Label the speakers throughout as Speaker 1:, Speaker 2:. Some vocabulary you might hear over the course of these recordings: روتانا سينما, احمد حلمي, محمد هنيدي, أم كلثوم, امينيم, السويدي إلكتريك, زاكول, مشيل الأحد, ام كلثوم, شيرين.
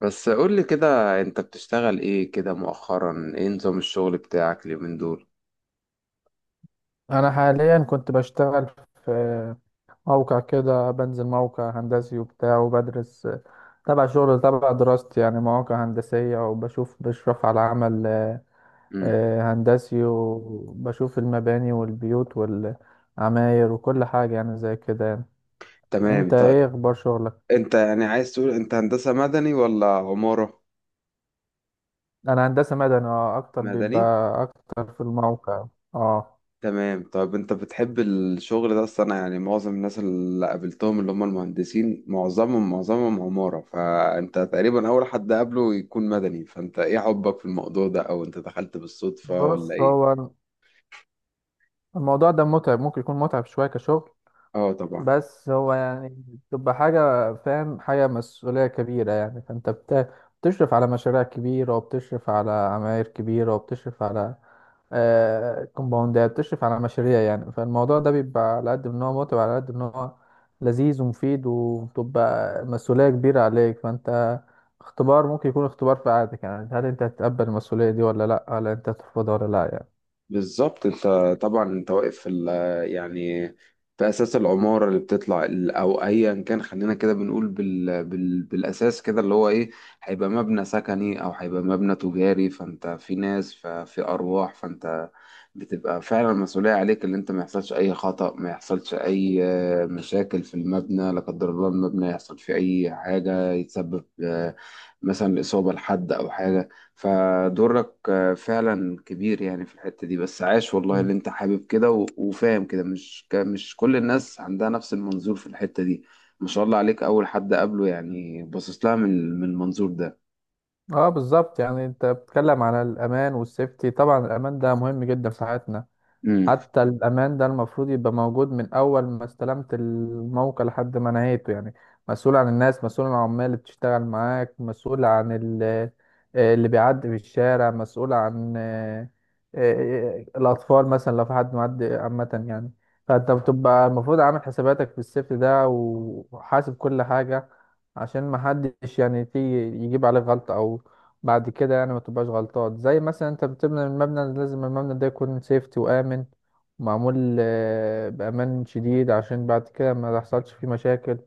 Speaker 1: بس قول لي كده انت بتشتغل ايه كده مؤخرا؟ ايه نظام الشغل بتاعك اليومين دول؟
Speaker 2: انا حاليا كنت بشتغل في موقع كده، بنزل موقع هندسي وبتاع وبدرس تبع شغل تبع دراستي، يعني مواقع هندسية. بشرف على عمل
Speaker 1: امم.
Speaker 2: هندسي، وبشوف المباني والبيوت والعماير وكل حاجة يعني زي كده يعني.
Speaker 1: تمام
Speaker 2: انت
Speaker 1: طيب،
Speaker 2: ايه اخبار شغلك؟
Speaker 1: انت يعني عايز تقول انت هندسة مدني ولا عمارة؟
Speaker 2: انا هندسة مدني، اكتر بيبقى
Speaker 1: مدني،
Speaker 2: اكتر في الموقع. اه.
Speaker 1: تمام. طيب انت بتحب الشغل ده اصلا؟ يعني معظم الناس اللي قابلتهم اللي هم المهندسين معظمهم عمارة، فانت تقريبا اول حد قابله يكون مدني، فانت ايه حبك في الموضوع ده؟ او انت دخلت بالصدفة ولا
Speaker 2: بص،
Speaker 1: ايه؟
Speaker 2: هو الموضوع ده متعب، ممكن يكون متعب شوية كشغل.
Speaker 1: اه طبعا.
Speaker 2: بس هو يعني بتبقى حاجة فاهم، حاجة مسؤولية كبيرة يعني. بتشرف على مشاريع كبيرة، وبتشرف على عماير كبيرة، وبتشرف على كومباوندات، بتشرف على مشاريع يعني. فالموضوع ده بيبقى على قد ان هو متعب على قد ان هو لذيذ ومفيد، وبتبقى مسؤولية كبيرة عليك. فأنت اختبار، ممكن يكون اختبار في حياتك يعني. هل أنت هتتقبل المسؤولية دي ولا لأ؟ هل أنت هترفضها ولا لأ يعني؟
Speaker 1: بالظبط. انت طبعا انت واقف يعني في اساس العماره اللي او ايا كان، خلينا كده بنقول بالاساس كده اللي هو ايه؟ هيبقى مبنى سكني او هيبقى مبنى تجاري، فانت في ناس، ففي ارواح، فانت بتبقى فعلا المسؤولية عليك، اللي انت ما يحصلش اي خطأ، ما يحصلش اي مشاكل في المبنى، لا قدر الله المبنى يحصل فيه اي حاجة، يتسبب مثلا بإصابة لحد او حاجة. فدورك فعلا كبير يعني في الحتة دي. بس عاش والله، اللي انت حابب كده وفاهم كده، مش مش كل الناس عندها نفس المنظور في الحتة دي. ما شاء الله عليك، اول حد قابله يعني باصص لها من المنظور ده.
Speaker 2: اه بالظبط. يعني انت بتتكلم على الامان والسيفتي. طبعا الامان ده مهم جدا في حياتنا.
Speaker 1: امم.
Speaker 2: حتى الأمان ده المفروض يبقى موجود من أول ما استلمت الموقع لحد ما نهيته يعني. مسؤول عن الناس، مسؤول عن العمال اللي بتشتغل معاك، مسؤول عن اللي بيعدي في الشارع، مسؤول عن الأطفال مثلا لو في حد معدي عامة يعني. فأنت بتبقى المفروض عامل حساباتك في السيفتي ده وحاسب كل حاجة، عشان محدش يعني تيجي يجيب عليك غلطة أو بعد كده يعني. ما تبقاش غلطات زي مثلا انت بتبني المبنى، لازم المبنى ده يكون سيفتي وآمن، معمول بأمان شديد عشان بعد كده ما تحصلش فيه مشاكل،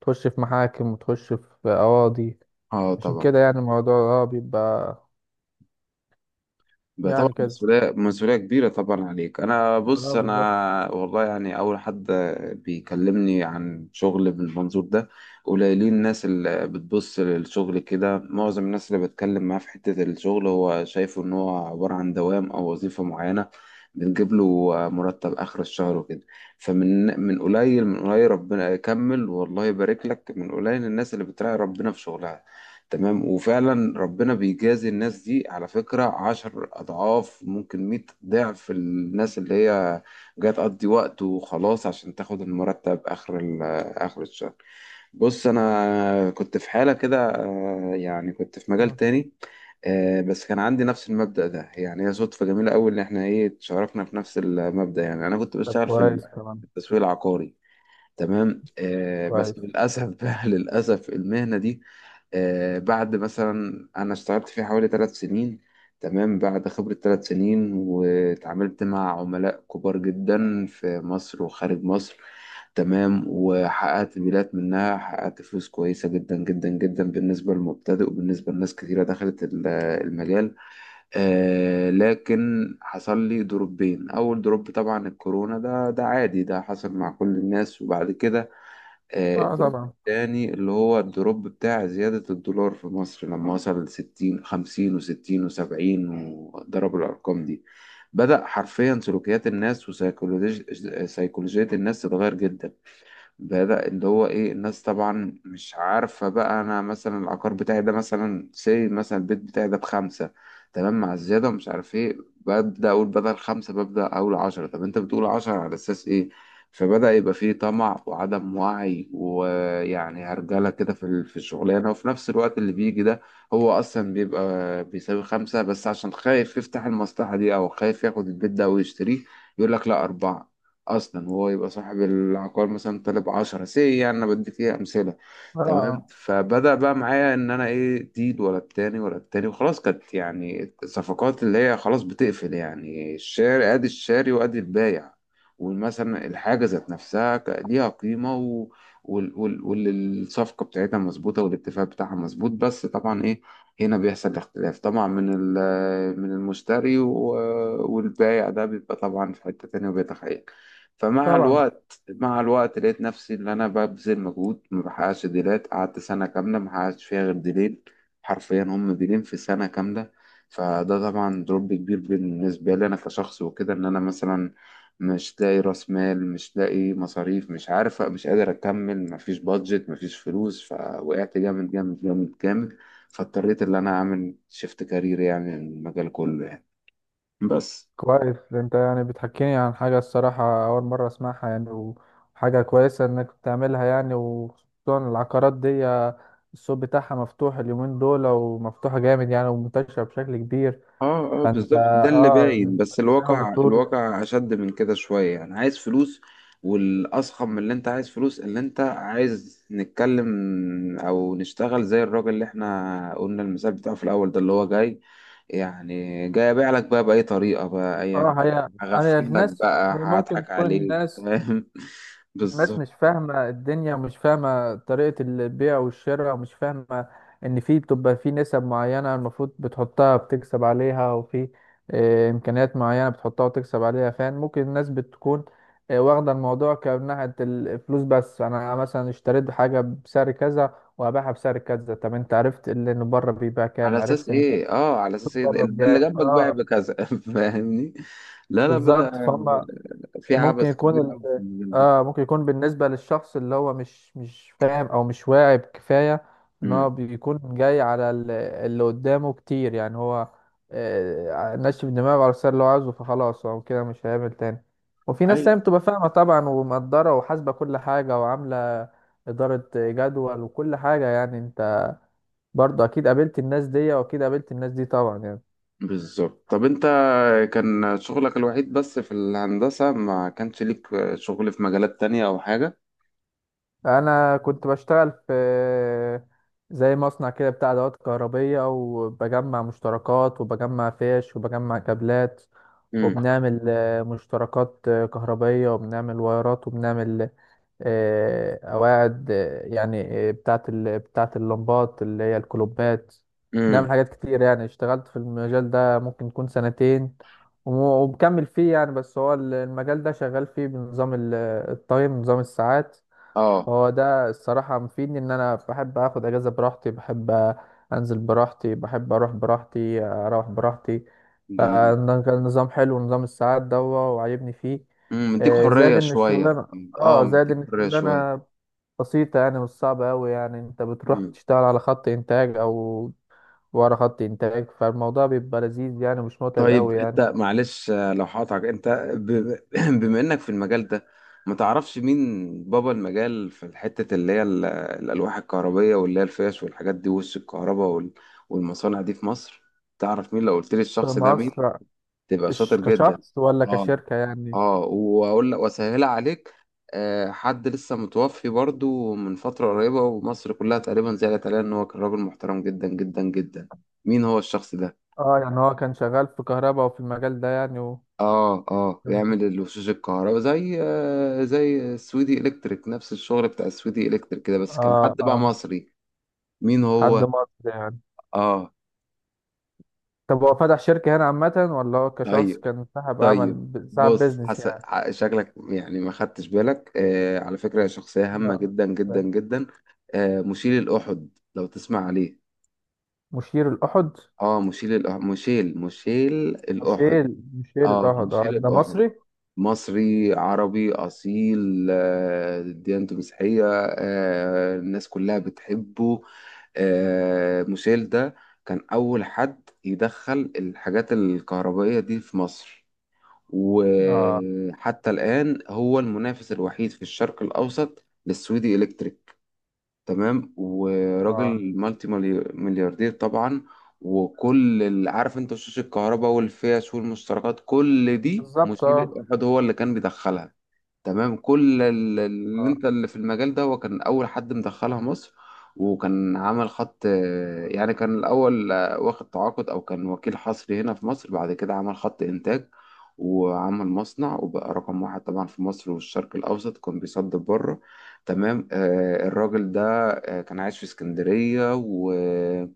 Speaker 2: تخش في محاكم وتخش في قواضي.
Speaker 1: اه
Speaker 2: عشان
Speaker 1: طبعا.
Speaker 2: كده يعني الموضوع اه بيبقى
Speaker 1: ده طبعا
Speaker 2: يعني كده.
Speaker 1: مسؤولية كبيرة طبعا عليك. أنا
Speaker 2: اه
Speaker 1: بص، أنا
Speaker 2: بالظبط.
Speaker 1: والله يعني أول حد بيكلمني عن شغل بالمنظور ده. قليلين الناس اللي بتبص للشغل كده، معظم الناس اللي بتكلم معاه في حتة الشغل هو شايفه إن هو عبارة عن دوام أو وظيفة معينة بتجيب له مرتب آخر الشهر وكده. فمن من قليل من قليل، ربنا يكمل والله يبارك لك، من قليل الناس اللي بتراعي ربنا في شغلها. تمام. وفعلا ربنا بيجازي الناس دي على فكرة عشر أضعاف، ممكن مية ضعف، الناس اللي هي جاية تقضي وقت وخلاص عشان تاخد المرتب آخر الشهر. بص أنا كنت في حالة كده يعني كنت في مجال
Speaker 2: مم.
Speaker 1: تاني. بس كان عندي نفس المبدأ ده، يعني هي صدفة جميلة أوي إن إحنا إيه، تشاركنا في نفس المبدأ. يعني أنا كنت
Speaker 2: طب
Speaker 1: بشتغل
Speaker 2: كويس كمان.
Speaker 1: في التسويق العقاري. تمام. بس
Speaker 2: كويس.
Speaker 1: للأسف بقى، للأسف المهنة دي بعد مثلا أنا اشتغلت فيه حوالي ثلاث سنين، تمام، بعد خبرة ثلاث سنين واتعاملت مع عملاء كبار جدا في مصر وخارج مصر، تمام، وحققت ميلات منها، حققت فلوس كويسة جدا جدا جدا بالنسبة للمبتدئ وبالنسبة لناس كثيرة دخلت المجال. آه لكن حصل لي دروبين. أول دروب طبعا الكورونا، ده ده عادي، ده حصل مع كل الناس. وبعد كده
Speaker 2: اه
Speaker 1: الدروب
Speaker 2: طبعا.
Speaker 1: التاني اللي هو الدروب بتاع زيادة الدولار في مصر، لما وصل ستين، خمسين وستين وسبعين، وضرب الأرقام دي، بدأ حرفيا سلوكيات الناس وسيكولوجية الناس تتغير جدا. بدأ اللي هو ايه، الناس طبعا مش عارفة بقى، انا مثلا العقار بتاعي ده مثلا، سي مثلا، البيت بتاعي ده بخمسة، تمام، مع الزيادة ومش عارف ايه، ببدأ اقول بدل خمسة ببدأ اقول عشرة. طب انت بتقول عشرة على اساس ايه؟ فبدأ يبقى فيه طمع وعدم وعي ويعني هرجلة كده في الشغلانة. وفي نفس الوقت اللي بيجي ده هو أصلا بيبقى بيساوي خمسة، بس عشان خايف يفتح المصلحة دي، أو خايف ياخد البيت ده ويشتريه، يقول لك لا أربعة، اصلا وهو يبقى صاحب العقار مثلا طالب 10، سي إيه يعني، انا بديك ايه امثله. تمام،
Speaker 2: اه
Speaker 1: فبدا بقى معايا ان انا ايه ديل ولا التاني ولا التاني، وخلاص كانت يعني صفقات اللي هي خلاص بتقفل، يعني الشاري ادي الشاري وادي البايع. ومثلا الحاجه ذات نفسها ليها قيمه والصفقه بتاعتها مظبوطه والاتفاق بتاعها مظبوط. بس طبعا ايه، هنا بيحصل اختلاف طبعا من المشتري والبايع، ده بيبقى طبعا في حته تانيه وبيتخيل. فمع
Speaker 2: طبعا.
Speaker 1: الوقت مع الوقت لقيت نفسي ان انا ببذل مجهود ما بحققش ديلات، قعدت سنه كامله ما حققتش فيها غير ديلين، حرفيا هم ديلين في سنه كامله. فده طبعا دروب كبير بالنسبه لي انا كشخص وكده، ان انا مثلا مش لاقي راس مال، مش لاقي مصاريف، مش عارف، مش قادر اكمل، مفيش بادجت، مفيش فلوس، فوقعت جامد. فاضطريت ان انا اعمل شيفت كارير يعني، المجال كله يعني. بس
Speaker 2: كويس. انت يعني بتحكيني عن حاجة، الصراحة أول مرة أسمعها يعني، وحاجة كويسة إنك بتعملها يعني. وخصوصا العقارات دي، السوق بتاعها مفتوح اليومين دول ومفتوحة جامد يعني ومنتشرة بشكل كبير.
Speaker 1: اه اه
Speaker 2: فانت
Speaker 1: بالظبط، ده اللي
Speaker 2: اه
Speaker 1: باين، بس
Speaker 2: زي ما
Speaker 1: الواقع
Speaker 2: بتقول.
Speaker 1: الواقع اشد من كده شوية. يعني عايز فلوس، والاضخم من اللي انت عايز فلوس، اللي انت عايز نتكلم او نشتغل زي الراجل اللي احنا قلنا المثال بتاعه في الاول ده، اللي هو جاي، يعني جاي ابيع لك بقى باي طريقة بقى، ايا
Speaker 2: اه
Speaker 1: كان
Speaker 2: هي انا
Speaker 1: هغفلك
Speaker 2: الناس،
Speaker 1: بقى،
Speaker 2: هي ممكن
Speaker 1: هضحك
Speaker 2: تكون
Speaker 1: عليك،
Speaker 2: الناس،
Speaker 1: فاهم؟ بالظبط.
Speaker 2: مش فاهمة الدنيا ومش فاهمة طريقة البيع والشراء، ومش فاهمة ان في بتبقى في نسب معينة المفروض بتحطها بتكسب عليها، وفي امكانيات معينة بتحطها وتكسب عليها فاهم. ممكن الناس بتكون واخدة الموضوع كناحية الفلوس بس. انا مثلا اشتريت حاجة بسعر كذا وهبيعها بسعر كذا. طب انت عرفت اللي انه بره بيبيع
Speaker 1: على
Speaker 2: كام؟
Speaker 1: اساس
Speaker 2: عرفت انت
Speaker 1: ايه؟ اه على اساس ايه؟ ده
Speaker 2: بره
Speaker 1: ده اللي
Speaker 2: بجد؟
Speaker 1: جنبك باع
Speaker 2: اه
Speaker 1: بكذا؟ فاهمني. لا لا، بدأ
Speaker 2: بالظبط فهم.
Speaker 1: في
Speaker 2: ممكن
Speaker 1: عبث
Speaker 2: يكون
Speaker 1: كبير
Speaker 2: ال...
Speaker 1: قوي في المجال ده.
Speaker 2: اه ممكن يكون بالنسبة للشخص اللي هو مش فاهم او مش واعي بكفاية، ان هو
Speaker 1: امم.
Speaker 2: بيكون جاي على اللي قدامه كتير يعني. هو آه ناشف دماغه على السر اللي هو عاوزه، فخلاص هو كده مش هيعمل تاني. وفي ناس
Speaker 1: ايوه
Speaker 2: تانية بتبقى فاهمة طبعا ومقدرة وحاسبة كل حاجة وعاملة إدارة جدول وكل حاجة يعني. انت برضه اكيد قابلت الناس دي واكيد قابلت الناس دي طبعا يعني.
Speaker 1: بالظبط. طب انت كان شغلك الوحيد بس في الهندسة؟ ما كانش ليك شغل في مجالات تانية او حاجة؟
Speaker 2: انا كنت بشتغل في زي مصنع كده بتاع ادوات كهربية، وبجمع مشتركات وبجمع فيش وبجمع كابلات،
Speaker 1: امم.
Speaker 2: وبنعمل مشتركات كهربية، وبنعمل وايرات، وبنعمل قواعد بتاعة بتاعة اللمبات اللي هي الكلوبات. نعمل
Speaker 1: امم.
Speaker 2: حاجات كتير يعني. اشتغلت في المجال ده ممكن يكون سنتين، وم- ومكمل فيه يعني. بس هو المجال ده شغال فيه بنظام التايم، نظام الساعات.
Speaker 1: اه.
Speaker 2: هو ده الصراحة مفيدني إن أنا بحب آخد أجازة براحتي، بحب أنزل براحتي، بحب أروح براحتي.
Speaker 1: جميل.
Speaker 2: فده كان نظام حلو، نظام الساعات ده وعاجبني فيه.
Speaker 1: امم، مديك
Speaker 2: آه، زائد
Speaker 1: حرية
Speaker 2: إن
Speaker 1: شوية.
Speaker 2: الشغلانة
Speaker 1: اه
Speaker 2: اه زائد
Speaker 1: مديك
Speaker 2: إن
Speaker 1: حرية شوية.
Speaker 2: الشغلانة بسيطة، يعني مش صعبة أوي يعني. أنت بتروح
Speaker 1: امم.
Speaker 2: تشتغل على خط إنتاج أو ورا خط إنتاج، فالموضوع بيبقى لذيذ يعني، مش متعب أوي
Speaker 1: طيب
Speaker 2: يعني.
Speaker 1: انت معلش لو هقطعك، انت ب- ب- بما انك في المجال ده، ما تعرفش مين بابا المجال في الحتة اللي هي الألواح الكهربية، واللي هي الفيش والحاجات دي، وش الكهرباء والمصانع دي في مصر؟ تعرف مين؟ لو قلت لي
Speaker 2: في
Speaker 1: الشخص ده مين،
Speaker 2: مصر؟
Speaker 1: تبقى
Speaker 2: مش
Speaker 1: شاطر جدا.
Speaker 2: كشخص ولا
Speaker 1: اه
Speaker 2: كشركة يعني؟
Speaker 1: اه، واقول لك واسهلها عليك. آه حد لسه متوفي برضو من فترة قريبة، ومصر كلها تقريبا زعلت عليه، ان هو كان راجل محترم جدا جدا جدا. مين هو الشخص ده؟
Speaker 2: اه يعني هو كان شغال في كهرباء وفي المجال ده يعني.
Speaker 1: اه اه، بيعمل الوشوش الكهرباء زي آه زي السويدي الكتريك، نفس الشغل بتاع السويدي الكتريك كده، بس كان
Speaker 2: اه
Speaker 1: حد
Speaker 2: اه.
Speaker 1: بقى مصري. مين
Speaker 2: حد
Speaker 1: هو؟
Speaker 2: مصري يعني.
Speaker 1: اه
Speaker 2: طب هو فتح شركة هنا عامة، ولا هو كشخص
Speaker 1: ايوه.
Speaker 2: كان صاحب
Speaker 1: طيب،
Speaker 2: عمل، صاحب
Speaker 1: بص
Speaker 2: بيزنس يعني؟
Speaker 1: شكلك يعني ما خدتش بالك. آه، على فكرة هي شخصية هامة
Speaker 2: لا.
Speaker 1: جدا جدا جدا. آه مشيل الأحد، لو تسمع عليه.
Speaker 2: مشير الأحد.
Speaker 1: اه مشيل الأحد.
Speaker 2: مشير مشير
Speaker 1: اه
Speaker 2: الأحد اه
Speaker 1: مشيل
Speaker 2: ده
Speaker 1: الأحد،
Speaker 2: مصري.
Speaker 1: مصري عربي أصيل، آه ديانته مسيحية، آه الناس كلها بتحبه. آه مشيل ده كان أول حد يدخل الحاجات الكهربائية دي في مصر،
Speaker 2: اه
Speaker 1: وحتى الآن هو المنافس الوحيد في الشرق الأوسط للسويدي إلكتريك. تمام.
Speaker 2: اه
Speaker 1: وراجل مالتي ملياردير طبعا. وكل اللي عارف، انت شاشة الكهرباء والفيش والمشتركات، كل دي
Speaker 2: بالظبط.
Speaker 1: مشيل
Speaker 2: اه
Speaker 1: الأحد هو اللي كان بيدخلها. تمام، كل
Speaker 2: اه.
Speaker 1: اللي في المجال ده هو كان اول حد مدخلها مصر. وكان عمل خط يعني كان الاول واخد تعاقد او كان وكيل حصري هنا في مصر، بعد كده عمل خط انتاج وعمل مصنع، وبقى رقم واحد طبعا في مصر والشرق الاوسط، كان بيصدر بره. تمام. الراجل ده كان عايش في اسكندرية، وليه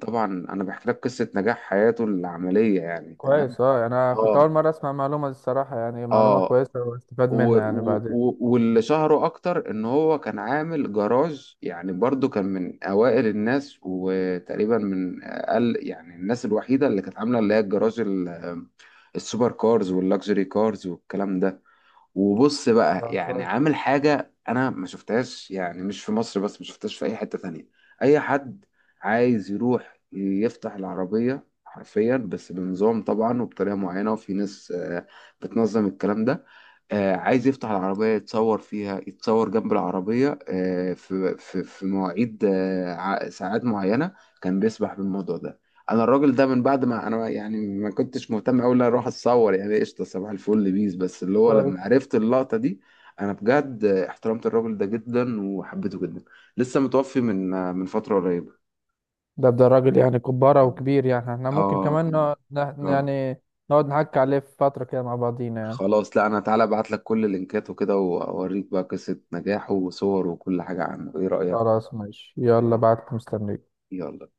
Speaker 1: طبعا انا بحكي لك قصة نجاح حياته العملية يعني. تمام.
Speaker 2: كويس. اه يعني انا كنت
Speaker 1: اه
Speaker 2: اول مرة اسمع المعلومة دي الصراحة يعني، معلومة
Speaker 1: اه.
Speaker 2: كويسة واستفاد منها يعني بعدين.
Speaker 1: واللي شهره اكتر ان هو كان عامل جراج، يعني برضو كان من اوائل الناس، وتقريبا من اقل يعني الناس الوحيده اللي كانت عامله اللي هي الجراج السوبر كارز واللاكجري كارز والكلام ده. وبص بقى،
Speaker 2: اه.
Speaker 1: يعني
Speaker 2: كويس.
Speaker 1: عامل حاجة أنا ما شفتهاش، يعني مش في مصر بس، ما شفتهاش في أي حتة تانية. أي حد عايز يروح يفتح العربية حرفيا، بس بنظام طبعا وبطريقة معينة، وفي ناس بتنظم الكلام ده. عايز يفتح العربية، يتصور فيها، يتصور جنب العربية، في مواعيد، ساعات معينة. كان بيسبح بالموضوع ده. انا الراجل ده من بعد ما انا يعني ما كنتش مهتم قوي ان انا اروح اتصور، يعني قشطه صباح الفل بيس، بس اللي هو لما
Speaker 2: كويس.
Speaker 1: عرفت اللقطه دي، انا بجد احترمت الراجل ده جدا وحبيته جدا. لسه متوفي من فتره قريبه.
Speaker 2: ده راجل يعني كبارة وكبير يعني. احنا
Speaker 1: اه
Speaker 2: ممكن
Speaker 1: اه.
Speaker 2: كمان
Speaker 1: آه.
Speaker 2: يعني نقعد نحكي عليه في فترة كده مع بعضينا يعني.
Speaker 1: خلاص لا، انا تعالى ابعت لك كل اللينكات وكده، واوريك بقى قصه نجاحه وصور وكل حاجه عنه، ايه رايك؟
Speaker 2: خلاص ماشي، يلا
Speaker 1: يلا.
Speaker 2: بعت مستنيك.
Speaker 1: يلا.